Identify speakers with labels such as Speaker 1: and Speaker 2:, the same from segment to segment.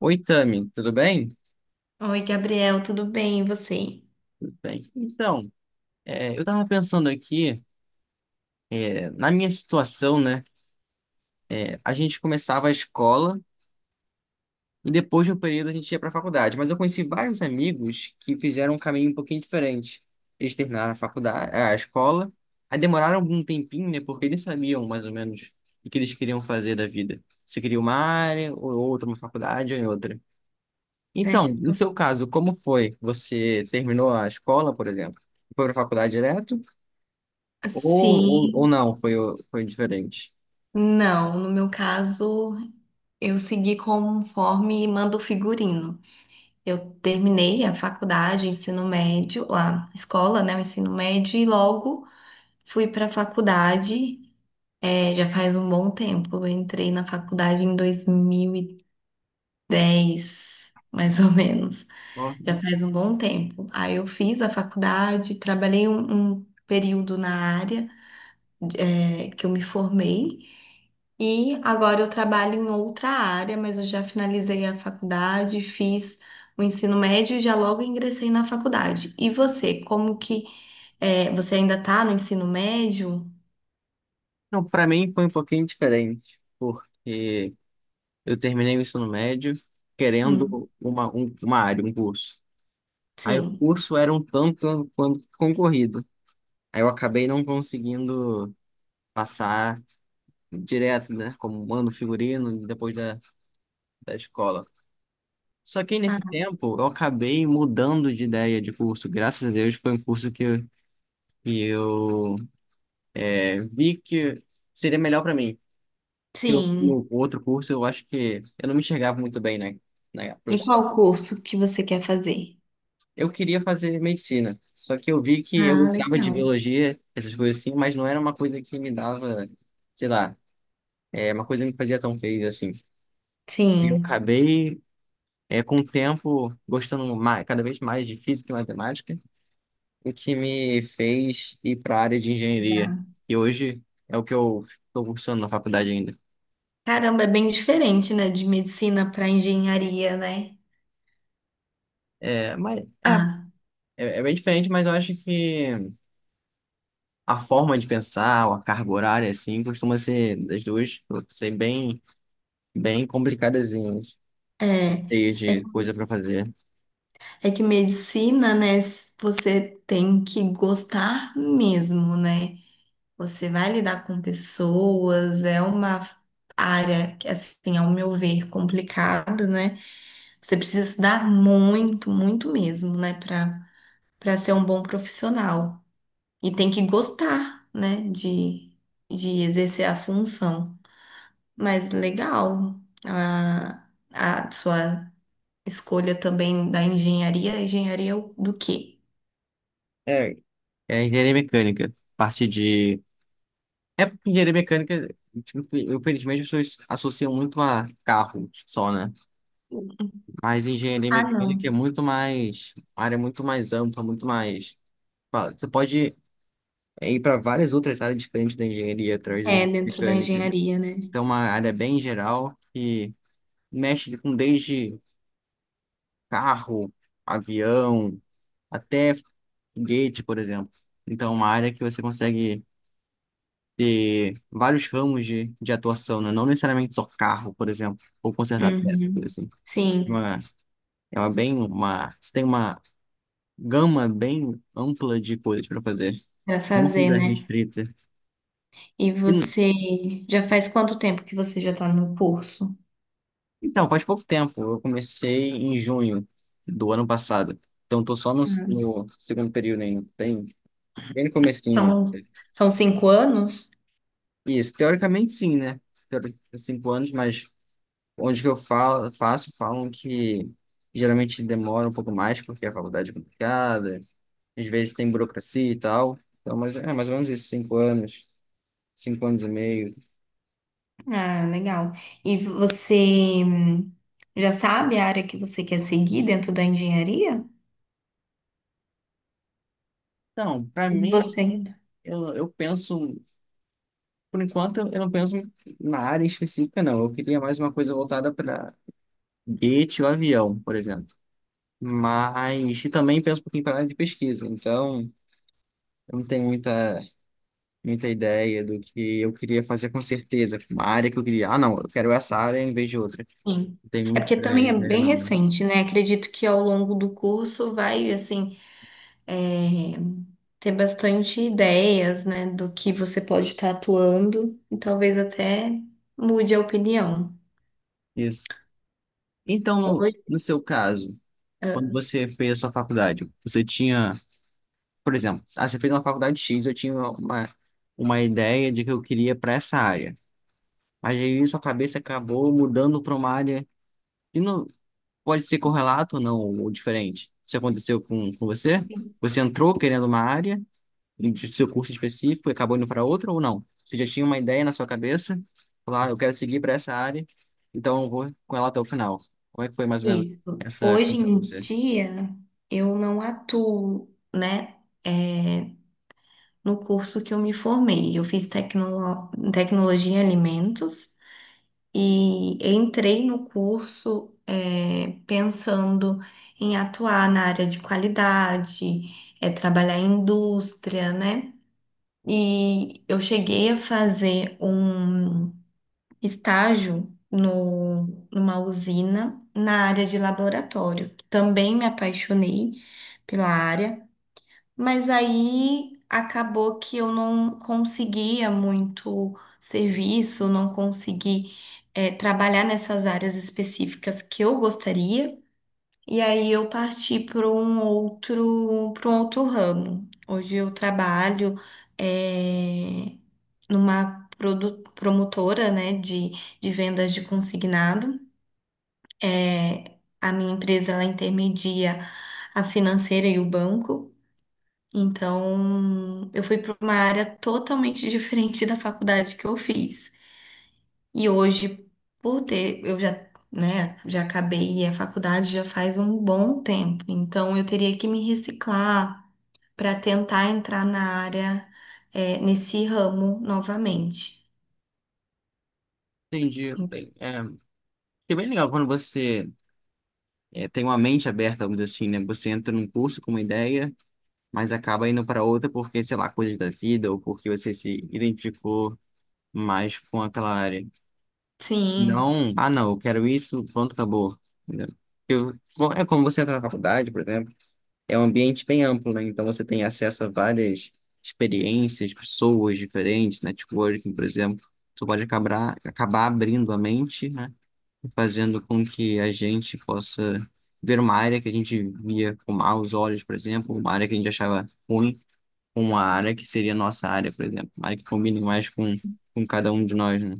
Speaker 1: Oi, Tami, tudo bem?
Speaker 2: Oi, Gabriel, tudo bem? E você?
Speaker 1: Tudo bem. Então, eu tava pensando aqui, na minha situação, né? A gente começava a escola e depois de um período a gente ia pra faculdade, mas eu conheci vários amigos que fizeram um caminho um pouquinho diferente. Eles terminaram a faculdade, a escola, aí demoraram algum tempinho, né? Porque eles sabiam mais ou menos o que eles queriam fazer da vida. Se queria uma área ou outra, uma faculdade ou em outra.
Speaker 2: É.
Speaker 1: Então, no
Speaker 2: então,
Speaker 1: seu caso, como foi? Você terminou a escola, por exemplo? Foi pra faculdade direto? Ou
Speaker 2: Sim,
Speaker 1: não, foi diferente.
Speaker 2: não. No meu caso, eu segui conforme manda o figurino. Eu terminei a faculdade, ensino médio, a escola, né, o ensino médio, e logo fui para a faculdade. É, já faz um bom tempo. Eu entrei na faculdade em 2010, mais ou menos.
Speaker 1: Ó.
Speaker 2: Já faz um bom tempo. Aí eu fiz a faculdade, trabalhei um período na área. Que eu me formei e agora eu trabalho em outra área, mas eu já finalizei a faculdade, fiz o ensino médio e já logo ingressei na faculdade. E você, como que é, você ainda está no ensino médio?
Speaker 1: Não, pra mim foi um pouquinho diferente, porque eu terminei o ensino médio querendo
Speaker 2: Hum,
Speaker 1: uma área, um curso. Aí o
Speaker 2: sim.
Speaker 1: curso era um tanto quanto concorrido. Aí eu acabei não conseguindo passar direto, né, como mando figurino da escola. Só que
Speaker 2: Ah,
Speaker 1: nesse tempo eu acabei mudando de ideia de curso. Graças a Deus foi um curso que eu vi que seria melhor pra mim.
Speaker 2: sim.
Speaker 1: No outro curso, eu acho que eu não me enxergava muito bem, né, na
Speaker 2: E
Speaker 1: profissão.
Speaker 2: qual curso que você quer fazer?
Speaker 1: Eu queria fazer medicina, só que eu vi que eu
Speaker 2: Ah,
Speaker 1: gostava de
Speaker 2: legal.
Speaker 1: biologia, essas coisas assim, mas não era uma coisa que me dava, sei lá, é uma coisa que me fazia tão feliz assim. E eu
Speaker 2: Sim.
Speaker 1: acabei, com o tempo, gostando mais, cada vez mais de física e matemática, o que me fez ir para a área de engenharia,
Speaker 2: Dá.
Speaker 1: e hoje é o que eu estou cursando na faculdade ainda.
Speaker 2: Caramba, é bem diferente, né, de medicina para engenharia, né?
Speaker 1: É, mas é,
Speaker 2: Ah,
Speaker 1: é bem diferente, mas eu acho que a forma de pensar, ou a carga horária, assim, costuma ser das duas, ser bem, bem complicadazinhas,
Speaker 2: é.
Speaker 1: cheias
Speaker 2: É.
Speaker 1: de coisa para fazer.
Speaker 2: É que medicina, né? Você tem que gostar mesmo, né? Você vai lidar com pessoas, é uma área que, assim, ao meu ver, complicada, né? Você precisa estudar muito, muito mesmo, né? Para para ser um bom profissional. E tem que gostar, né? De exercer a função. Mas legal, a, a sua escolha também da engenharia. Engenharia do quê?
Speaker 1: É, é engenharia mecânica, parte de... É porque engenharia mecânica, tipo, infelizmente, as pessoas associam muito a carro só, né? Mas engenharia
Speaker 2: Ah, não.
Speaker 1: mecânica é muito mais, uma área muito mais ampla, muito mais... fala, você pode ir para várias outras áreas diferentes da engenharia, através da
Speaker 2: É,
Speaker 1: engenharia
Speaker 2: dentro da
Speaker 1: mecânica.
Speaker 2: engenharia, né?
Speaker 1: Então, é uma área bem geral que mexe com desde carro, avião, até foguete, por exemplo. Então, é uma área que você consegue ter vários ramos de atuação, né? Não necessariamente só carro, por exemplo, ou consertar peça, coisa
Speaker 2: Uhum.
Speaker 1: assim. É
Speaker 2: Sim,
Speaker 1: uma, é uma bem uma, você tem uma gama bem ampla de coisas para fazer.
Speaker 2: para
Speaker 1: Uma
Speaker 2: fazer,
Speaker 1: coisa
Speaker 2: né?
Speaker 1: restrita.
Speaker 2: E
Speaker 1: E não-
Speaker 2: você já faz quanto tempo que você já está no curso?
Speaker 1: Então, faz pouco tempo, eu comecei em junho do ano passado. Então, tô só no,
Speaker 2: Hum.
Speaker 1: no segundo período ainda, bem, bem no comecinho.
Speaker 2: São, são 5 anos?
Speaker 1: Isso, teoricamente sim, né? Cinco anos, mas onde que eu falo, faço, falam que geralmente demora um pouco mais, porque a faculdade é complicada, às vezes tem burocracia e tal. Então, mas é mais ou menos isso, cinco anos e meio.
Speaker 2: Ah, legal. E você já sabe a área que você quer seguir dentro da engenharia?
Speaker 1: Então, para mim,
Speaker 2: Você ainda?
Speaker 1: eu penso, por enquanto, eu não penso na área específica, não. Eu queria mais uma coisa voltada para gate ou avião, por exemplo. Mas e também penso um pouquinho para área de pesquisa, então eu não tenho muita, muita ideia do que eu queria fazer com certeza, uma área que eu queria. Ah, não, eu quero essa área em vez de outra.
Speaker 2: Sim.
Speaker 1: Não tem
Speaker 2: É
Speaker 1: muita
Speaker 2: porque também é
Speaker 1: ideia,
Speaker 2: bem
Speaker 1: não, né?
Speaker 2: recente, né? Acredito que ao longo do curso vai, assim, é, ter bastante ideias, né, do que você pode estar atuando e talvez até mude a opinião.
Speaker 1: Isso. Então,
Speaker 2: Hoje,
Speaker 1: no seu caso, quando
Speaker 2: ah,
Speaker 1: você fez a sua faculdade, você tinha, por exemplo, ah, você fez uma faculdade X, eu tinha uma ideia de que eu queria para essa área. Mas aí sua cabeça acabou mudando para uma área que não pode ser correlato ou não, ou diferente. Isso aconteceu com você? Você entrou querendo uma área do seu curso específico e acabou indo para outra ou não? Você já tinha uma ideia na sua cabeça? Falar, "Ah, eu quero seguir para essa área, então eu vou com ela até o final. Como é que foi mais ou menos
Speaker 2: isso.
Speaker 1: essa
Speaker 2: Hoje em
Speaker 1: coisa?
Speaker 2: dia, eu não atuo, né, é, no curso que eu me formei. Eu fiz tecnologia em alimentos e entrei no curso, é, pensando em atuar na área de qualidade, é, trabalhar em indústria, né? E eu cheguei a fazer um estágio no, numa usina na área de laboratório. Também me apaixonei pela área, mas aí acabou que eu não conseguia muito serviço, não consegui, trabalhar nessas áreas específicas que eu gostaria. E aí eu parti para um outro ramo. Hoje eu trabalho eh, numa promotora, né, de vendas de consignado. Eh, a minha empresa ela intermedia a financeira e o banco. Então eu fui para uma área totalmente diferente da faculdade que eu fiz. E hoje, por ter, eu já, né, já acabei a faculdade já faz um bom tempo, então eu teria que me reciclar para tentar entrar na área, é, nesse ramo novamente.
Speaker 1: Entendi. Bem, é, é bem legal quando você tem uma mente aberta, vamos dizer assim, né? Você entra num curso com uma ideia, mas acaba indo para outra porque, sei lá, coisas da vida ou porque você se identificou mais com aquela área.
Speaker 2: Sim,
Speaker 1: Não, ah, não, eu quero isso, pronto, acabou. Entendeu? Eu, bom, é como você entra na faculdade, por exemplo. É um ambiente bem amplo, né? Então você tem acesso a várias experiências, pessoas diferentes, networking, por exemplo. Você pode acabar abrindo a mente, né? E fazendo com que a gente possa ver uma área que a gente via com maus olhos, por exemplo, uma área que a gente achava ruim, com uma área que seria nossa área, por exemplo. Uma área que combine mais com cada um de nós, né?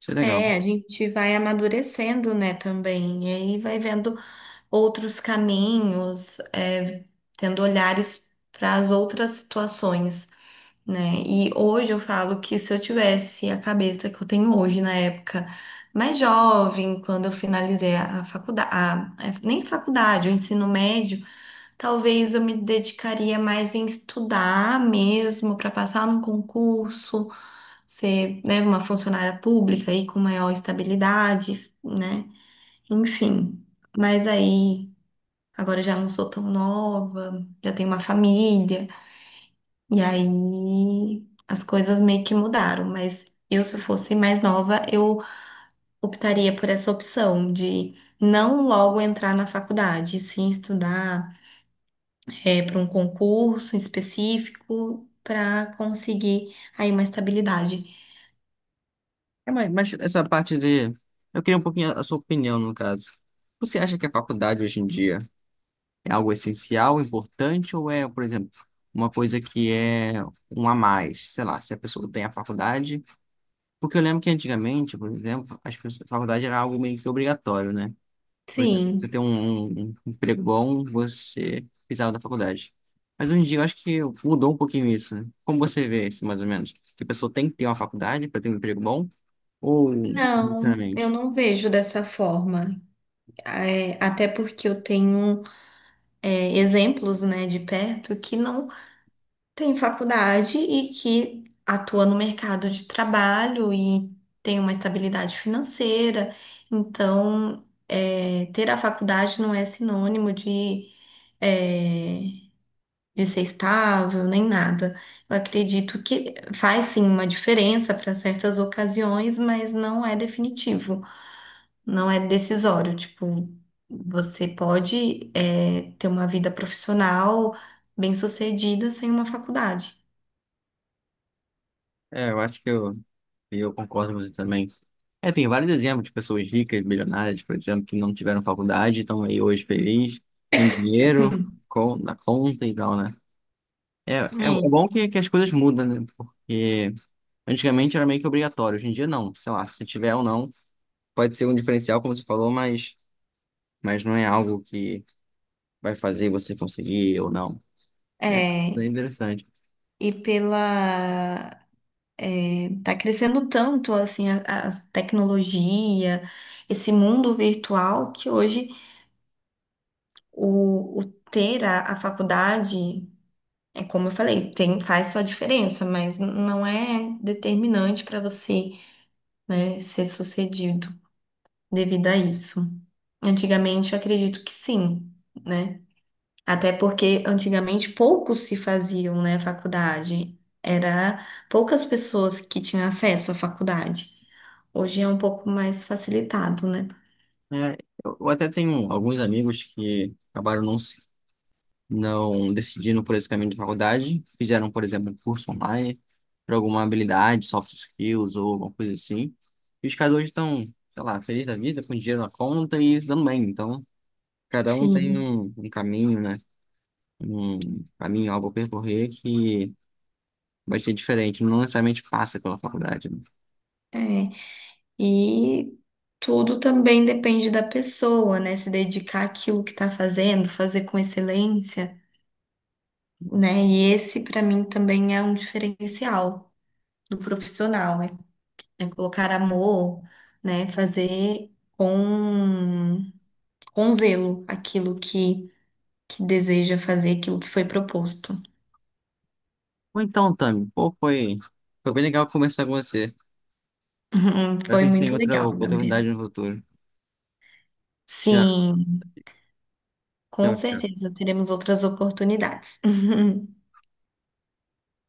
Speaker 1: Isso é legal.
Speaker 2: é, a gente vai amadurecendo, né, também, e aí vai vendo outros caminhos, é, tendo olhares para as outras situações. Né? E hoje eu falo que se eu tivesse a cabeça que eu tenho hoje, na época mais jovem, quando eu finalizei a faculdade, nem faculdade, o ensino médio, talvez eu me dedicaria mais em estudar mesmo para passar num concurso, ser, né, uma funcionária pública aí com maior estabilidade, né? Enfim. Mas aí, agora eu já não sou tão nova, já tenho uma família. E aí as coisas meio que mudaram, mas eu, se eu fosse mais nova, eu optaria por essa opção de não logo entrar na faculdade, sim estudar para um concurso específico para conseguir aí uma estabilidade.
Speaker 1: É, mas essa parte de... Eu queria um pouquinho a sua opinião, no caso. Você acha que a faculdade hoje em dia é algo essencial, importante, ou é, por exemplo, uma coisa que é um a mais? Sei lá, se a pessoa tem a faculdade. Porque eu lembro que antigamente, por exemplo, as pessoas, a faculdade era algo meio que obrigatório, né? Por exemplo, você ter
Speaker 2: Sim,
Speaker 1: um emprego bom, você precisava da faculdade. Mas hoje em dia eu acho que mudou um pouquinho isso, né? Como você vê isso, mais ou menos? Que a pessoa tem que ter uma faculdade para ter um emprego bom? Ou,
Speaker 2: não, eu
Speaker 1: sinceramente?
Speaker 2: não vejo dessa forma. É, até porque eu tenho é, exemplos, né, de perto que não tem faculdade e que atua no mercado de trabalho e tem uma estabilidade financeira. Então, é, ter a faculdade não é sinônimo de, é, de ser estável nem nada. Eu acredito que faz sim uma diferença para certas ocasiões, mas não é definitivo, não é decisório. Tipo, você pode, é, ter uma vida profissional bem-sucedida sem uma faculdade.
Speaker 1: É, eu acho que eu concordo com você também. É, tem vários exemplos de pessoas ricas, milionárias, por exemplo, que não tiveram faculdade, estão aí hoje felizes, com dinheiro, com, na conta e tal, né? É
Speaker 2: É,
Speaker 1: bom que as coisas mudam, né? Porque antigamente era meio que obrigatório, hoje em dia não. Sei lá, se tiver ou não, pode ser um diferencial, como você falou, mas não é algo que vai fazer você conseguir ou não. É,
Speaker 2: é,
Speaker 1: é interessante.
Speaker 2: e pela. É, tá crescendo tanto assim a tecnologia, esse mundo virtual, que hoje o ter a faculdade, é como eu falei, tem, faz sua diferença, mas não é determinante para você, né, ser sucedido devido a isso. Antigamente eu acredito que sim, né? Até porque antigamente poucos se faziam, né, faculdade. Era poucas pessoas que tinham acesso à faculdade. Hoje é um pouco mais facilitado, né?
Speaker 1: É, eu até tenho alguns amigos que acabaram não se não decidiram por esse caminho de faculdade, fizeram, por exemplo, um curso online para alguma habilidade, soft skills ou alguma coisa assim. E os caras hoje estão, sei lá, felizes da vida, com dinheiro na conta e se dando bem. Então, cada um tem
Speaker 2: Sim,
Speaker 1: um caminho, né? Um caminho, algo a percorrer que vai ser diferente, não necessariamente passa pela faculdade. Né?
Speaker 2: é. E tudo também depende da pessoa, né? Se dedicar àquilo que está fazendo, fazer com excelência, né? E esse, para mim, também é um diferencial do profissional, né? É colocar amor, né? Fazer com com zelo aquilo que deseja fazer, aquilo que foi proposto.
Speaker 1: Ou então, Tami, pô, foi bem legal conversar com você. Espero que
Speaker 2: Foi
Speaker 1: a gente tenha
Speaker 2: muito
Speaker 1: outra
Speaker 2: legal, Gabriel.
Speaker 1: oportunidade no futuro. Tchau,
Speaker 2: Sim, com
Speaker 1: tchau, tchau.
Speaker 2: certeza teremos outras oportunidades.